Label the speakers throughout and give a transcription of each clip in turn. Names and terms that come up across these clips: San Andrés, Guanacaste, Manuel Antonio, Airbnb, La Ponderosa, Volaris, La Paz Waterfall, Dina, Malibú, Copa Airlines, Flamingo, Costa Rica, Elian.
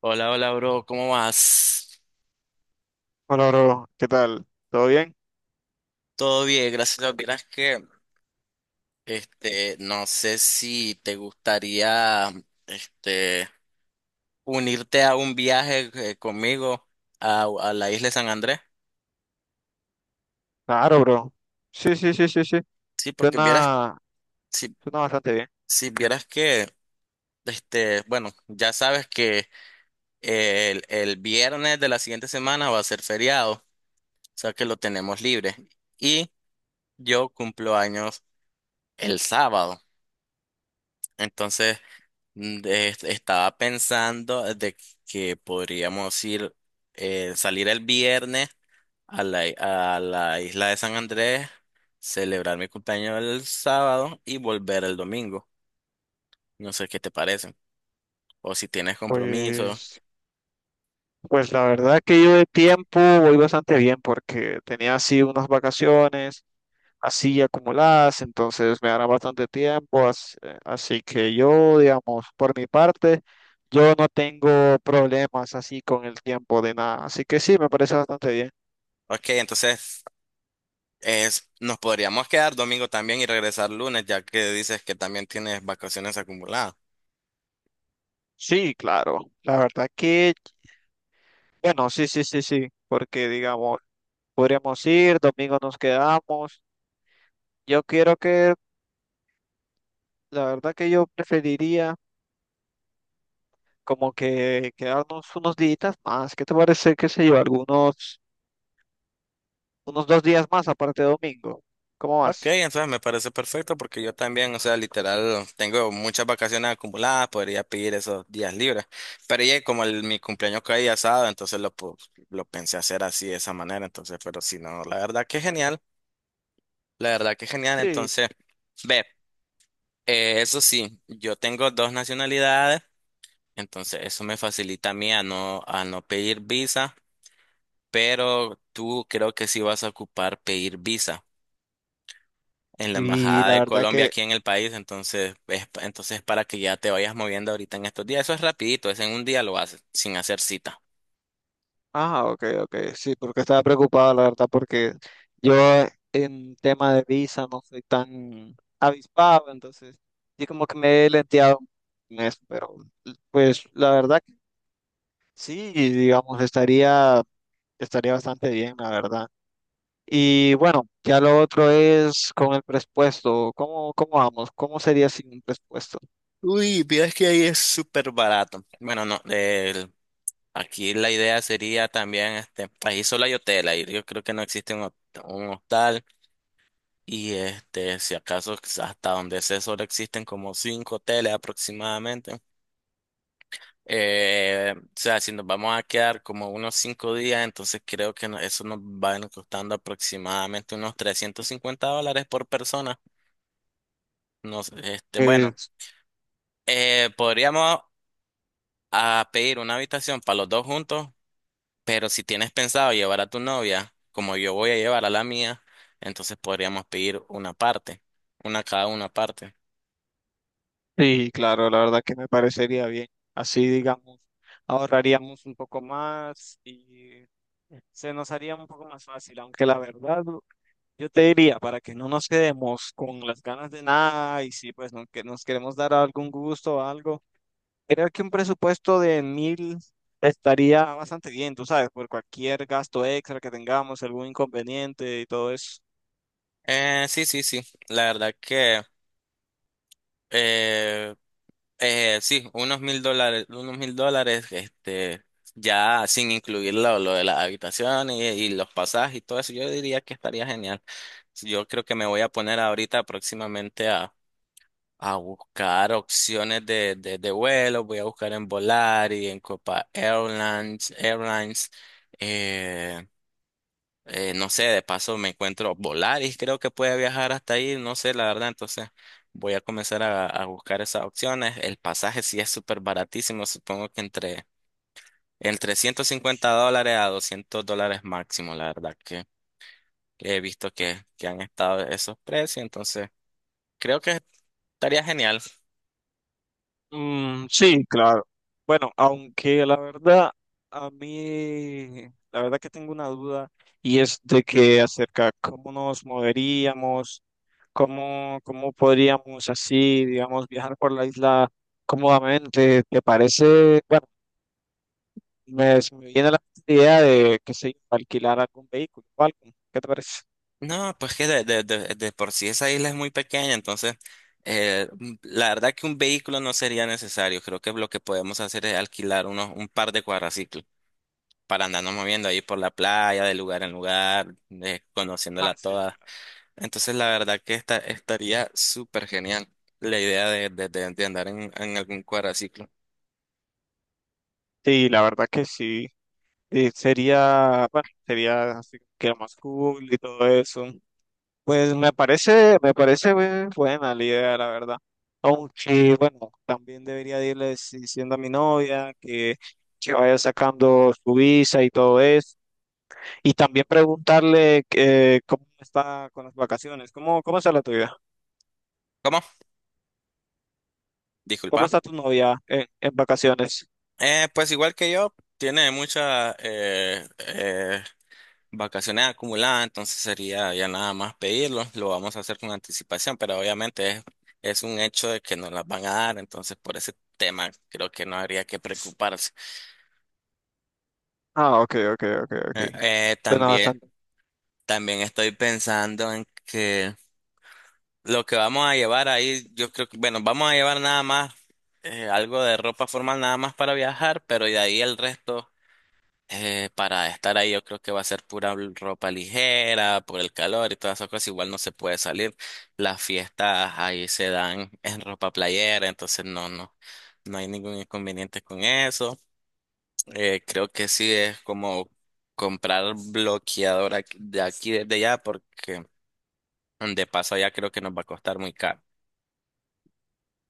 Speaker 1: Hola, hola, bro, ¿cómo vas?
Speaker 2: Hola, bro. ¿Qué tal? ¿Todo bien?
Speaker 1: Todo bien, gracias. Lo que pasa que, no sé si te gustaría, este, unirte a un viaje conmigo a la isla de San Andrés.
Speaker 2: Claro, bro. Sí, sí, sí, sí, sí.
Speaker 1: Sí, porque vieras,
Speaker 2: Suena,
Speaker 1: si,
Speaker 2: suena bastante bien.
Speaker 1: si vieras que, bueno, ya sabes que el viernes de la siguiente semana va a ser feriado, o sea que lo tenemos libre. Y yo cumplo años el sábado, entonces. Estaba pensando de que podríamos ir, salir el viernes a la isla de San Andrés, celebrar mi cumpleaños el sábado y volver el domingo. No sé qué te parece. O si tienes compromiso.
Speaker 2: Pues, pues la verdad que yo de tiempo voy bastante bien porque tenía así unas vacaciones así acumuladas, entonces me dará bastante tiempo. Así, que yo, digamos, por mi parte, yo no tengo problemas así con el tiempo de nada. Así que sí, me parece bastante bien.
Speaker 1: Ok, entonces nos podríamos quedar domingo también y regresar lunes, ya que dices que también tienes vacaciones acumuladas.
Speaker 2: Sí, claro. La verdad que, bueno, sí, sí, sí, sí. Porque digamos. Podríamos ir, domingo nos quedamos. Yo quiero que, la verdad que yo preferiría como que quedarnos unos días más. ¿Qué te parece, qué sé yo, unos dos días más aparte de domingo? ¿Cómo
Speaker 1: Ok,
Speaker 2: vas?
Speaker 1: entonces me parece perfecto porque yo también, o sea, literal, tengo muchas vacaciones acumuladas, podría pedir esos días libres. Pero ya como mi cumpleaños caía sábado, entonces lo pensé hacer así, de esa manera. Entonces, pero si no, la verdad que genial, la verdad que genial.
Speaker 2: Sí.
Speaker 1: Entonces, ve, eso sí, yo tengo dos nacionalidades, entonces eso me facilita a mí a no pedir visa, pero tú creo que sí vas a ocupar pedir visa. En la
Speaker 2: Y
Speaker 1: embajada
Speaker 2: la
Speaker 1: de
Speaker 2: verdad
Speaker 1: Colombia
Speaker 2: que,
Speaker 1: aquí en el país, entonces entonces para que ya te vayas moviendo ahorita en estos días, eso es rapidito, es en un día lo haces sin hacer cita.
Speaker 2: ah, ok, ok, sí, porque estaba preocupado, la verdad, porque yo en tema de visa no soy tan avispado, entonces yo como que me he lenteado en eso, pero pues la verdad que sí, digamos, estaría. Estaría bastante bien, la verdad. Y bueno, ya lo otro es con el presupuesto. ¿Cómo vamos? ¿Cómo sería sin un presupuesto?
Speaker 1: Uy, es que ahí es súper barato. Bueno, no, aquí la idea sería también, ahí solo hay hotel, ahí yo creo que no existe un hostal. Y si acaso hasta donde sé, solo existen como cinco hoteles aproximadamente. O sea, si nos vamos a quedar como unos 5 días, entonces creo que eso nos va a ir costando aproximadamente unos $350 por persona. Bueno,
Speaker 2: Pues,
Speaker 1: podríamos pedir una habitación para los dos juntos, pero si tienes pensado llevar a tu novia, como yo voy a llevar a la mía, entonces podríamos pedir una parte, una cada una parte.
Speaker 2: sí, claro, la verdad que me parecería bien. Así, digamos, ahorraríamos un poco más y se nos haría un poco más fácil. Aunque la verdad, yo te diría, para que no nos quedemos con las ganas de nada y si pues no, que nos queremos dar algún gusto o algo. Creo que un presupuesto de 1.000 estaría bastante bien, tú sabes, por cualquier gasto extra que tengamos, algún inconveniente y todo eso.
Speaker 1: Sí, sí, sí. La verdad que eh, sí, unos $1,000, unos $1,000, ya sin incluir lo de la habitación y los pasajes y todo eso, yo diría que estaría genial. Yo creo que me voy a poner ahorita próximamente a buscar opciones de vuelo. Voy a buscar en Volaris, en Copa Airlines. eh, no sé, de paso me encuentro Volaris, creo que puede viajar hasta ahí, no sé, la verdad, entonces voy a comenzar a buscar esas opciones. El pasaje sí es súper baratísimo, supongo que entre $150 a $200 máximo, la verdad que he visto que han estado esos precios, entonces creo que estaría genial.
Speaker 2: Mm, sí, claro. Bueno, aunque la verdad, a mí, la verdad que tengo una duda y es de que acerca cómo nos moveríamos, cómo podríamos así, digamos, viajar por la isla cómodamente. ¿Te parece? Se me viene a la idea de, qué sé yo, alquilar algún vehículo o algo. ¿Qué te parece?
Speaker 1: No, pues que de por sí esa isla es muy pequeña, entonces la verdad que un vehículo no sería necesario, creo que lo que podemos hacer es alquilar un par de cuadraciclos para andarnos moviendo ahí por la playa, de lugar en lugar,
Speaker 2: Ah,
Speaker 1: conociéndola
Speaker 2: sí,
Speaker 1: toda.
Speaker 2: claro.
Speaker 1: Entonces, la verdad que estaría súper genial la idea de andar en algún cuadraciclo.
Speaker 2: Sí, la verdad que sí. Sería, bueno, sería así que lo más cool y todo eso. Pues me parece buena la idea, la verdad. Aunque, bueno, también debería de irles diciendo a mi novia que vaya sacando su visa y todo eso. Y también preguntarle cómo está con las vacaciones. ¿Cómo está la tuya?
Speaker 1: ¿Cómo?
Speaker 2: ¿Cómo
Speaker 1: Disculpa.
Speaker 2: está tu novia en, vacaciones?
Speaker 1: Pues igual que yo, tiene muchas vacaciones acumuladas, entonces sería ya nada más pedirlo. Lo vamos a hacer con anticipación, pero obviamente es un hecho de que nos las van a dar, entonces por ese tema creo que no habría que preocuparse.
Speaker 2: Ah, ok, ok, ok, ok.
Speaker 1: Eh,
Speaker 2: Bueno,
Speaker 1: También.
Speaker 2: bastante.
Speaker 1: También estoy pensando en que lo que vamos a llevar ahí, yo creo que, bueno, vamos a llevar nada más algo de ropa formal nada más para viajar, pero de ahí el resto para estar ahí yo creo que va a ser pura ropa ligera por el calor y todas esas cosas. Igual no se puede salir. Las fiestas ahí se dan en ropa playera, entonces no, no, no hay ningún inconveniente con eso. Creo que sí es como comprar bloqueador de aquí desde allá porque de paso, allá creo que nos va a costar muy caro.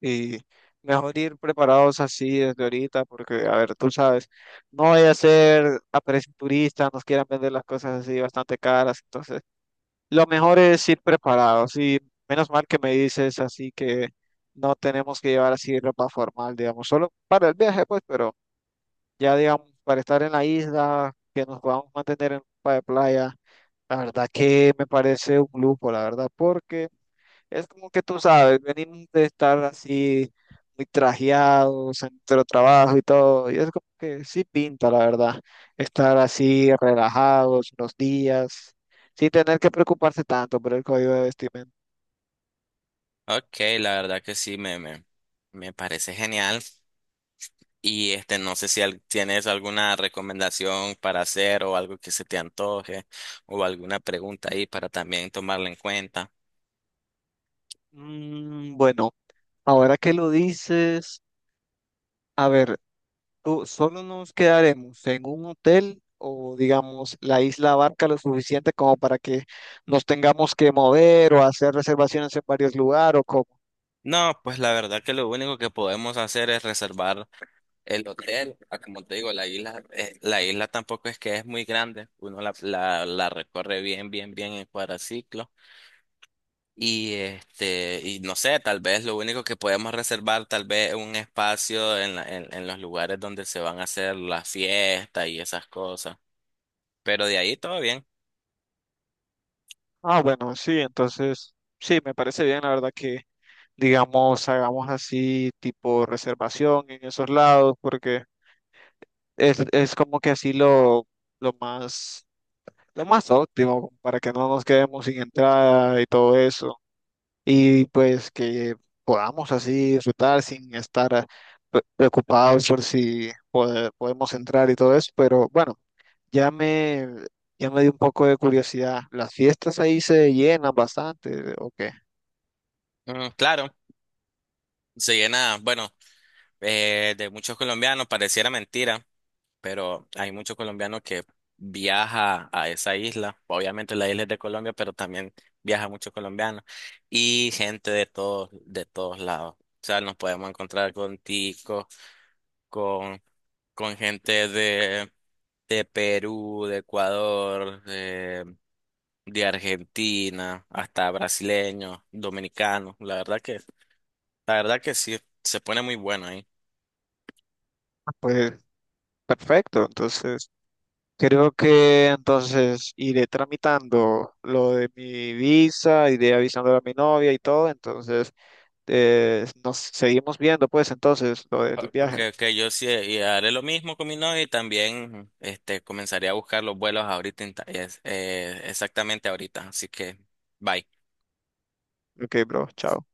Speaker 2: Y mejor ir preparados así desde ahorita, porque, a ver, tú sabes, no vaya a ser a precio turista, nos quieran vender las cosas así bastante caras. Entonces, lo mejor es ir preparados. Y menos mal que me dices así que no tenemos que llevar así ropa formal, digamos, solo para el viaje, pues, pero. Ya digamos, para estar en la isla, que nos podamos mantener en ropa de playa, la verdad que me parece un lujo, la verdad, porque es como que tú sabes, venimos de estar así muy trajeados en nuestro trabajo y todo, y es como que sí pinta, la verdad, estar así relajados unos días, sin tener que preocuparse tanto por el código de vestimenta.
Speaker 1: Ok, la verdad que sí, me parece genial. Y no sé si tienes alguna recomendación para hacer o algo que se te antoje o alguna pregunta ahí para también tomarla en cuenta.
Speaker 2: Mm, bueno, ahora que lo dices, a ver. ¿Tú solo nos quedaremos en un hotel o, digamos, la isla abarca lo suficiente como para que nos tengamos que mover o hacer reservaciones en varios lugares o cómo?
Speaker 1: No, pues la verdad que lo único que podemos hacer es reservar el hotel. Como te digo, la isla tampoco es que es muy grande. Uno la recorre bien, bien, bien en cuadraciclo. Y y no sé, tal vez lo único que podemos reservar, tal vez un espacio en los lugares donde se van a hacer las fiestas y esas cosas. Pero de ahí todo bien.
Speaker 2: Ah, bueno, sí, entonces, sí, me parece bien, la verdad que, digamos, hagamos así tipo reservación en esos lados porque es como que así lo más, lo más óptimo para que no nos quedemos sin entrada y todo eso. Y pues que podamos así disfrutar sin estar preocupados por si podemos entrar y todo eso, pero bueno, ya me, ya me dio un poco de curiosidad. ¿Las fiestas ahí se llenan bastante o qué?
Speaker 1: Mm, claro, se llena, bueno, de muchos colombianos, pareciera mentira, pero hay muchos colombianos que viaja a esa isla. Obviamente la isla es de Colombia, pero también viaja muchos colombianos y gente de todos lados. O sea, nos podemos encontrar con ticos, con con gente de Perú, de Ecuador, de Argentina, hasta brasileños, dominicanos. La verdad que sí, se pone muy bueno ahí.
Speaker 2: Pues perfecto, entonces creo que entonces iré tramitando lo de mi visa, iré avisando a mi novia y todo, entonces nos seguimos viendo pues entonces lo del viaje.
Speaker 1: Okay, okay. Yo sí y haré lo mismo con mi novia y también comenzaré a buscar los vuelos ahorita, exactamente ahorita. Así que, bye.
Speaker 2: Ok, bro, chao.